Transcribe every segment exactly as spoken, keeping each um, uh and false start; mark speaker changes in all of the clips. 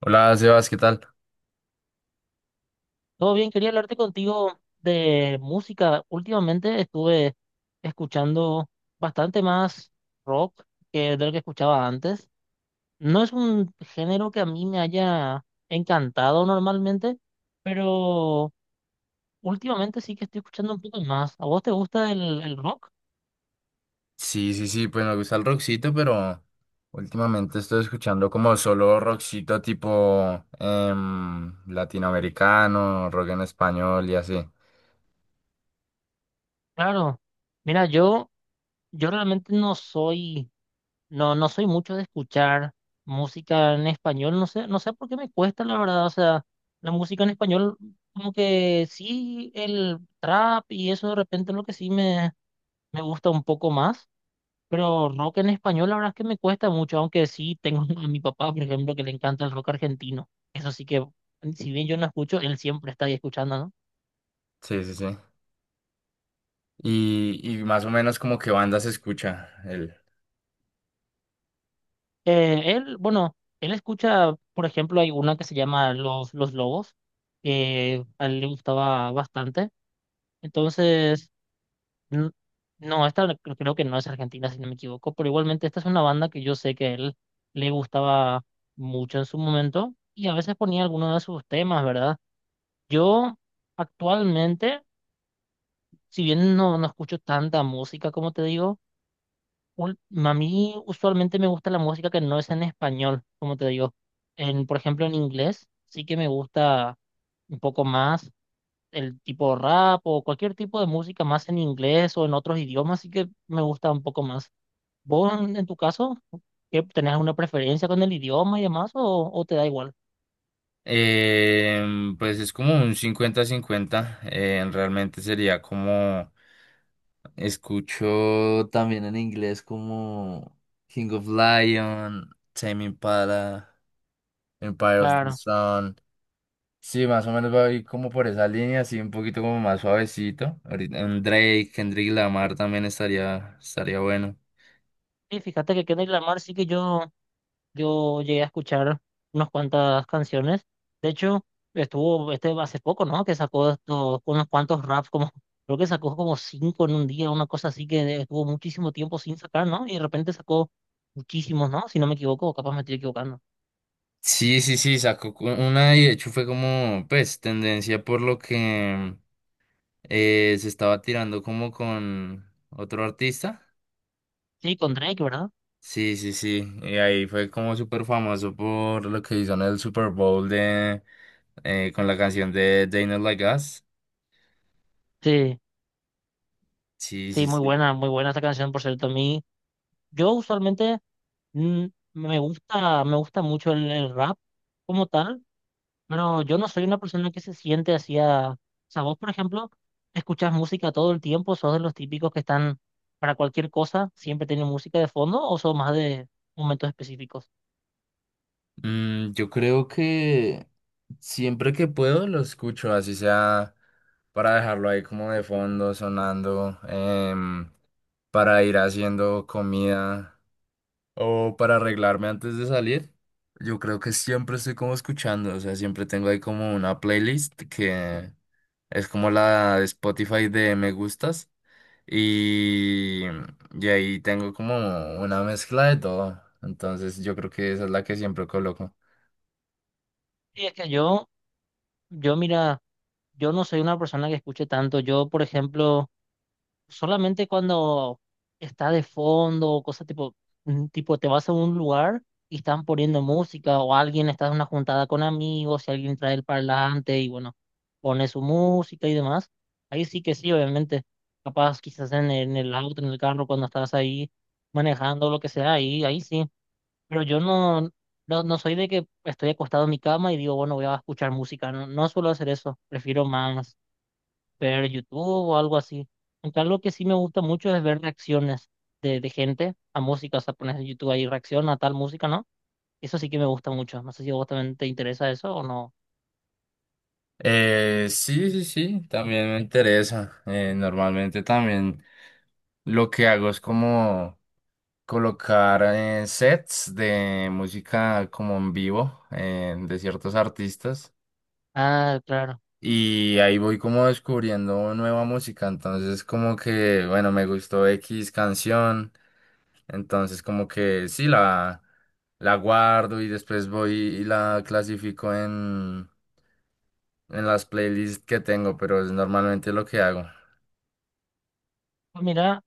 Speaker 1: Hola, Sebas, ¿qué tal?
Speaker 2: Todo bien, quería hablarte contigo de música. Últimamente estuve escuchando bastante más rock que de lo que escuchaba antes. No es un género que a mí me haya encantado normalmente, pero últimamente sí que estoy escuchando un poco más. ¿A vos te gusta el, el rock?
Speaker 1: Sí, sí, sí, pues me gusta el rockcito, pero últimamente estoy escuchando como solo rockcito tipo em, latinoamericano, rock en español y así.
Speaker 2: Claro. Mira, yo, yo realmente no soy. No, no soy mucho de escuchar música en español, no sé, no sé por qué me cuesta, la verdad, o sea, la música en español, como que sí, el trap y eso de repente es lo que sí me, me gusta un poco más, pero rock en español, la verdad es que me cuesta mucho, aunque sí tengo a mi papá, por ejemplo, que le encanta el rock argentino, eso sí que, si bien yo no escucho, él siempre está ahí escuchando, ¿no?
Speaker 1: Sí, sí, sí. Y, y más o menos como que banda se escucha el...
Speaker 2: Eh, él, bueno, él escucha, por ejemplo, hay una que se llama Los, Los Lobos, que a él le gustaba bastante. Entonces, n- no, esta no- creo que no es argentina, si no me equivoco, pero igualmente esta es una banda que yo sé que a él le gustaba mucho en su momento y a veces ponía algunos de sus temas, ¿verdad? Yo actualmente, si bien no, no escucho tanta música, como te digo, ul- a mí usualmente me gusta la música que no es en español, como te digo. En, por ejemplo, en inglés sí que me gusta un poco más. El tipo rap o cualquier tipo de música más en inglés o en otros idiomas, así que me gusta un poco más. ¿Vos en, en tu caso, qué, tenés alguna preferencia con el idioma y demás o, o te da igual?
Speaker 1: Em, pues es como un cincuenta-cincuenta. Em, realmente sería como... Escucho también en inglés como King of Lion, Tame Impala. Empire of the
Speaker 2: Claro.
Speaker 1: Sun. Sí, más o menos va a ir como por esa línea, así un poquito como más suavecito. Ahorita un Drake, Kendrick Lamar también estaría, estaría bueno.
Speaker 2: Sí, fíjate que Kendrick Lamar sí que yo, yo llegué a escuchar unas cuantas canciones. De hecho, estuvo este hace poco, ¿no? Que sacó estos, unos cuantos raps, como, creo que sacó como cinco en un día, una cosa así que estuvo muchísimo tiempo sin sacar, ¿no? Y de repente sacó muchísimos, ¿no? Si no me equivoco, capaz me estoy equivocando.
Speaker 1: Sí, sí, sí, sacó cu- una y de hecho fue como, pues, tendencia por lo que eh, se estaba tirando como con otro artista.
Speaker 2: Sí, con Drake, ¿verdad?
Speaker 1: Sí, sí, sí, y ahí fue como súper famoso por lo que hizo en el Super Bowl de, eh, con la canción de They Not Like Us.
Speaker 2: Sí,
Speaker 1: Sí,
Speaker 2: sí,
Speaker 1: sí,
Speaker 2: muy
Speaker 1: sí.
Speaker 2: buena, muy buena esta canción, por cierto. A mí, yo usualmente mm, me gusta, me gusta mucho el, el rap como tal, pero yo no soy una persona que se siente así a... O sea, vos, por ejemplo, escuchás música todo el tiempo, sos de los típicos que están para cualquier cosa, siempre tienen música de fondo, o sos más de momentos específicos.
Speaker 1: Mm, yo creo que siempre que puedo lo escucho, así sea para dejarlo ahí como de fondo, sonando, em, para ir haciendo comida o para arreglarme antes de salir. Yo creo que siempre estoy como escuchando, o sea, siempre tengo ahí como una playlist que es como la de Spotify de me gustas y, y ahí tengo como una mezcla de todo. Entonces yo creo que esa es la que siempre coloco.
Speaker 2: Sí, es que yo, yo mira, yo no soy una persona que escuche tanto. Yo, por ejemplo, solamente cuando está de fondo o cosas tipo, mm, tipo te vas a un lugar y están poniendo música o alguien está en una juntada con amigos y alguien trae el parlante y bueno, pone su música y demás. Ahí sí que sí, obviamente. Capaz quizás en, en el auto, en el carro, cuando estás ahí manejando, lo que sea, ahí, ahí sí. Pero yo no, no, no soy de que estoy acostado en mi cama y digo, bueno, voy a escuchar música. No, no suelo hacer eso. Prefiero más ver YouTube o algo así. Aunque algo que sí me gusta mucho es ver reacciones de, de gente a música, o sea, pones en YouTube ahí reacción a tal música, ¿no? Eso sí que me gusta mucho. No sé si a vos también te interesa eso o no.
Speaker 1: Eh, sí, sí, sí, también me interesa. Eh, normalmente también lo que hago es como colocar eh, sets de música como en vivo eh, de ciertos artistas
Speaker 2: Ah, claro.
Speaker 1: y ahí voy como descubriendo nueva música. Entonces como que, bueno, me gustó X canción, entonces como que sí, la, la guardo y después voy y la clasifico en, en las playlists que tengo, pero es normalmente lo que hago.
Speaker 2: Pues mira,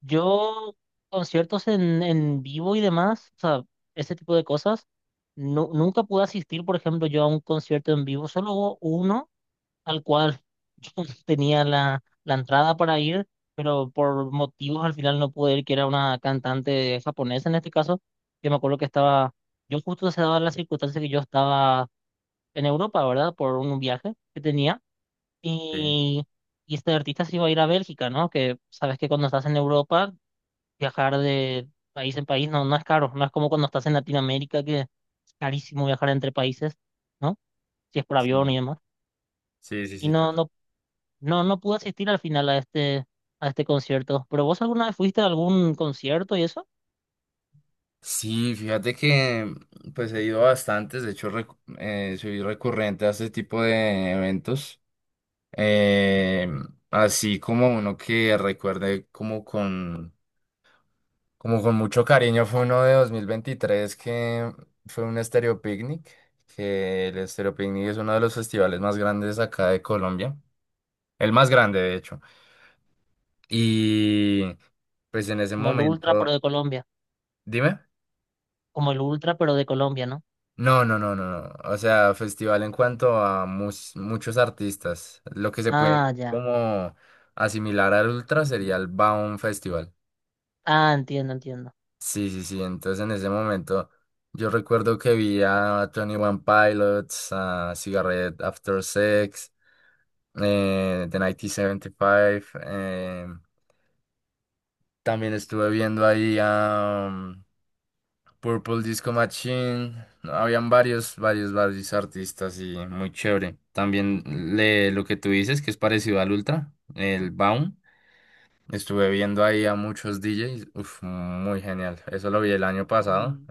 Speaker 2: yo conciertos en, en vivo y demás, o sea, ese tipo de cosas, nu- nunca pude asistir, por ejemplo, yo a un concierto en vivo, solo hubo uno. Tal cual. Yo tenía la, la entrada para ir, pero por motivos al final no pude ir, que era una cantante japonesa en este caso, que me acuerdo que estaba, yo justo se daba la circunstancia que yo estaba en Europa, ¿verdad? Por un viaje que tenía.
Speaker 1: Sí.
Speaker 2: Y, y este artista se iba a ir a Bélgica, ¿no? Que sabes que cuando estás en Europa, viajar de país en país no, no es caro, no es como cuando estás en Latinoamérica, que es carísimo viajar entre países, ¿no? Si es por avión
Speaker 1: Sí,
Speaker 2: y demás.
Speaker 1: sí, sí,
Speaker 2: Y
Speaker 1: sí,
Speaker 2: no,
Speaker 1: total.
Speaker 2: no No, no pude asistir al final a este, a este concierto. ¿Pero vos alguna vez fuiste a algún concierto y eso?
Speaker 1: Sí, fíjate que pues he ido a bastantes, de hecho recu- eh, soy recurrente a este tipo de eventos, eh, así como uno que recuerde como con, como con mucho cariño fue uno de dos mil veintitrés que fue un Estéreo Picnic, que el Estéreo Picnic es uno de los festivales más grandes acá de Colombia, el más grande de hecho, y pues en ese
Speaker 2: Como el Ultra, pero
Speaker 1: momento,
Speaker 2: de Colombia.
Speaker 1: dime.
Speaker 2: Como el Ultra, pero de Colombia, ¿no?
Speaker 1: No, no, no, no, no. O sea, festival en cuanto a mus- muchos artistas. Lo que se
Speaker 2: Ah,
Speaker 1: puede
Speaker 2: ya.
Speaker 1: como asimilar al Ultra sería el Baum Festival.
Speaker 2: Ah, entiendo, entiendo.
Speaker 1: Sí, sí, sí. Entonces en ese momento yo recuerdo que vi a Tony One Pilots, a Cigarette After Sex, eh, The mil novecientos setenta y cinco. Eh, también estuve viendo ahí Purple Disco Machine, no, habían varios, varios, varios artistas y muy chévere. También le, lo que tú dices, que es parecido al Ultra, el Baum. Estuve viendo ahí a muchos D Js, uf, muy genial. Eso lo vi el año pasado,
Speaker 2: Y,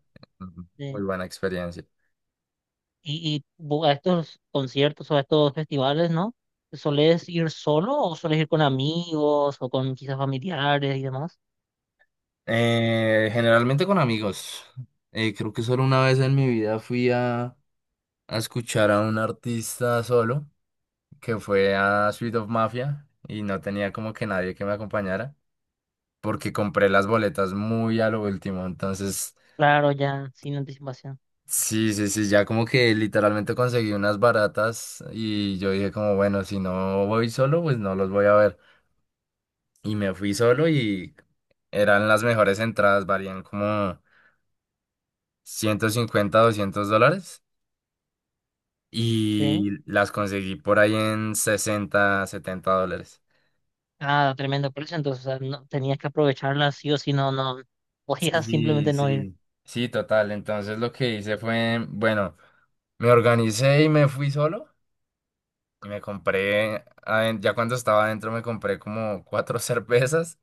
Speaker 1: muy
Speaker 2: sí.
Speaker 1: buena experiencia.
Speaker 2: y, y vo- a estos conciertos o a estos festivales, ¿no? ¿Solés ir solo o solés ir con amigos o con quizás familiares y demás?
Speaker 1: Eh, generalmente con amigos. Eh, creo que solo una vez en mi vida fui a, a escuchar a un artista solo, que fue a Suite of Mafia, y no tenía como que nadie que me acompañara, porque compré las boletas muy a lo último. Entonces,
Speaker 2: Claro, ya, sin anticipación.
Speaker 1: sí, sí, sí, ya como que literalmente conseguí unas baratas y yo dije como, bueno, si no voy solo, pues no los voy a ver. Y me fui solo y eran las mejores entradas, varían como ciento cincuenta doscientos dólares
Speaker 2: Sí.
Speaker 1: y las conseguí por ahí en sesenta setenta dólares.
Speaker 2: Ah, tremendo precio. Entonces, o sea, no, tenías que aprovecharla sí o sí, no, no. Podías
Speaker 1: Sí,
Speaker 2: simplemente no ir.
Speaker 1: sí, sí, total. Entonces lo que hice fue, bueno, me organicé y me fui solo. Y me compré, aden- ya cuando estaba adentro me compré como cuatro cervezas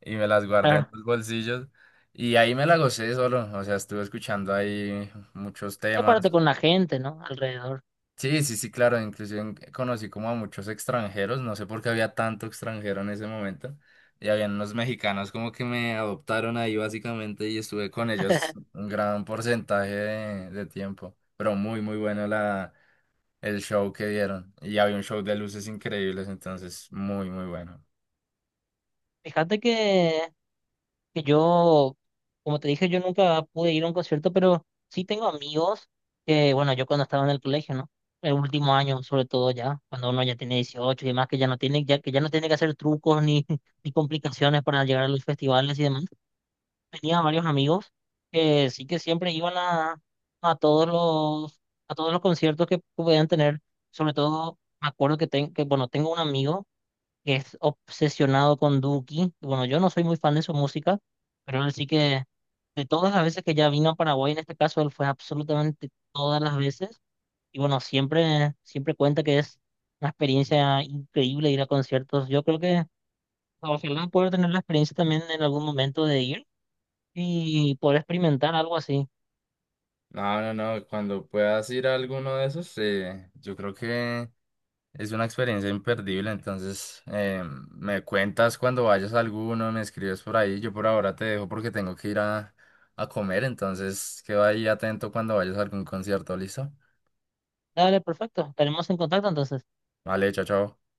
Speaker 1: y me las guardé en
Speaker 2: Claro.
Speaker 1: los bolsillos. Y ahí me la gocé solo, o sea, estuve escuchando ahí muchos
Speaker 2: Y aparte
Speaker 1: temas.
Speaker 2: con la gente, ¿no? Alrededor.
Speaker 1: Sí, sí, sí, claro, inclusive en- conocí como a muchos extranjeros, no sé por qué había tanto extranjero en ese momento. Y había unos mexicanos como que me adoptaron ahí básicamente y estuve con ellos un gran porcentaje de, de tiempo. Pero muy, muy bueno el show que dieron. Y había un show de luces increíbles, entonces muy, muy bueno.
Speaker 2: Fíjate que, que yo, como te dije, yo nunca pude ir a un concierto, pero sí tengo amigos que, bueno, yo cuando estaba en el colegio, ¿no? El último año, sobre todo ya, cuando uno ya tiene dieciocho y demás, que ya no tiene, ya, que ya no tiene que hacer trucos ni, ni complicaciones para llegar a los festivales y demás. Tenía varios amigos que sí que siempre iban a, a todos los, a todos los conciertos que podían tener, sobre todo, me acuerdo que, ten- que bueno, tengo un amigo. Que es obsesionado con Duki. Bueno, yo no soy muy fan de su música, pero él sí que de todas las veces que ya vino a Paraguay, en este caso, él fue absolutamente todas las veces. Y bueno, siempre, siempre cuenta que es una experiencia increíble ir a conciertos. Yo creo que ojalá poder tener la experiencia también en algún momento de ir y poder experimentar algo así.
Speaker 1: No, no, no, cuando puedas ir a alguno de esos, eh, yo creo que es una experiencia imperdible, entonces eh, me cuentas cuando vayas a alguno, me escribes por ahí, yo por ahora te dejo porque tengo que ir a, a comer, entonces queda ahí atento cuando vayas a algún concierto, ¿listo?
Speaker 2: Dale, perfecto. Estaremos en contacto entonces.
Speaker 1: Vale, chao, chao.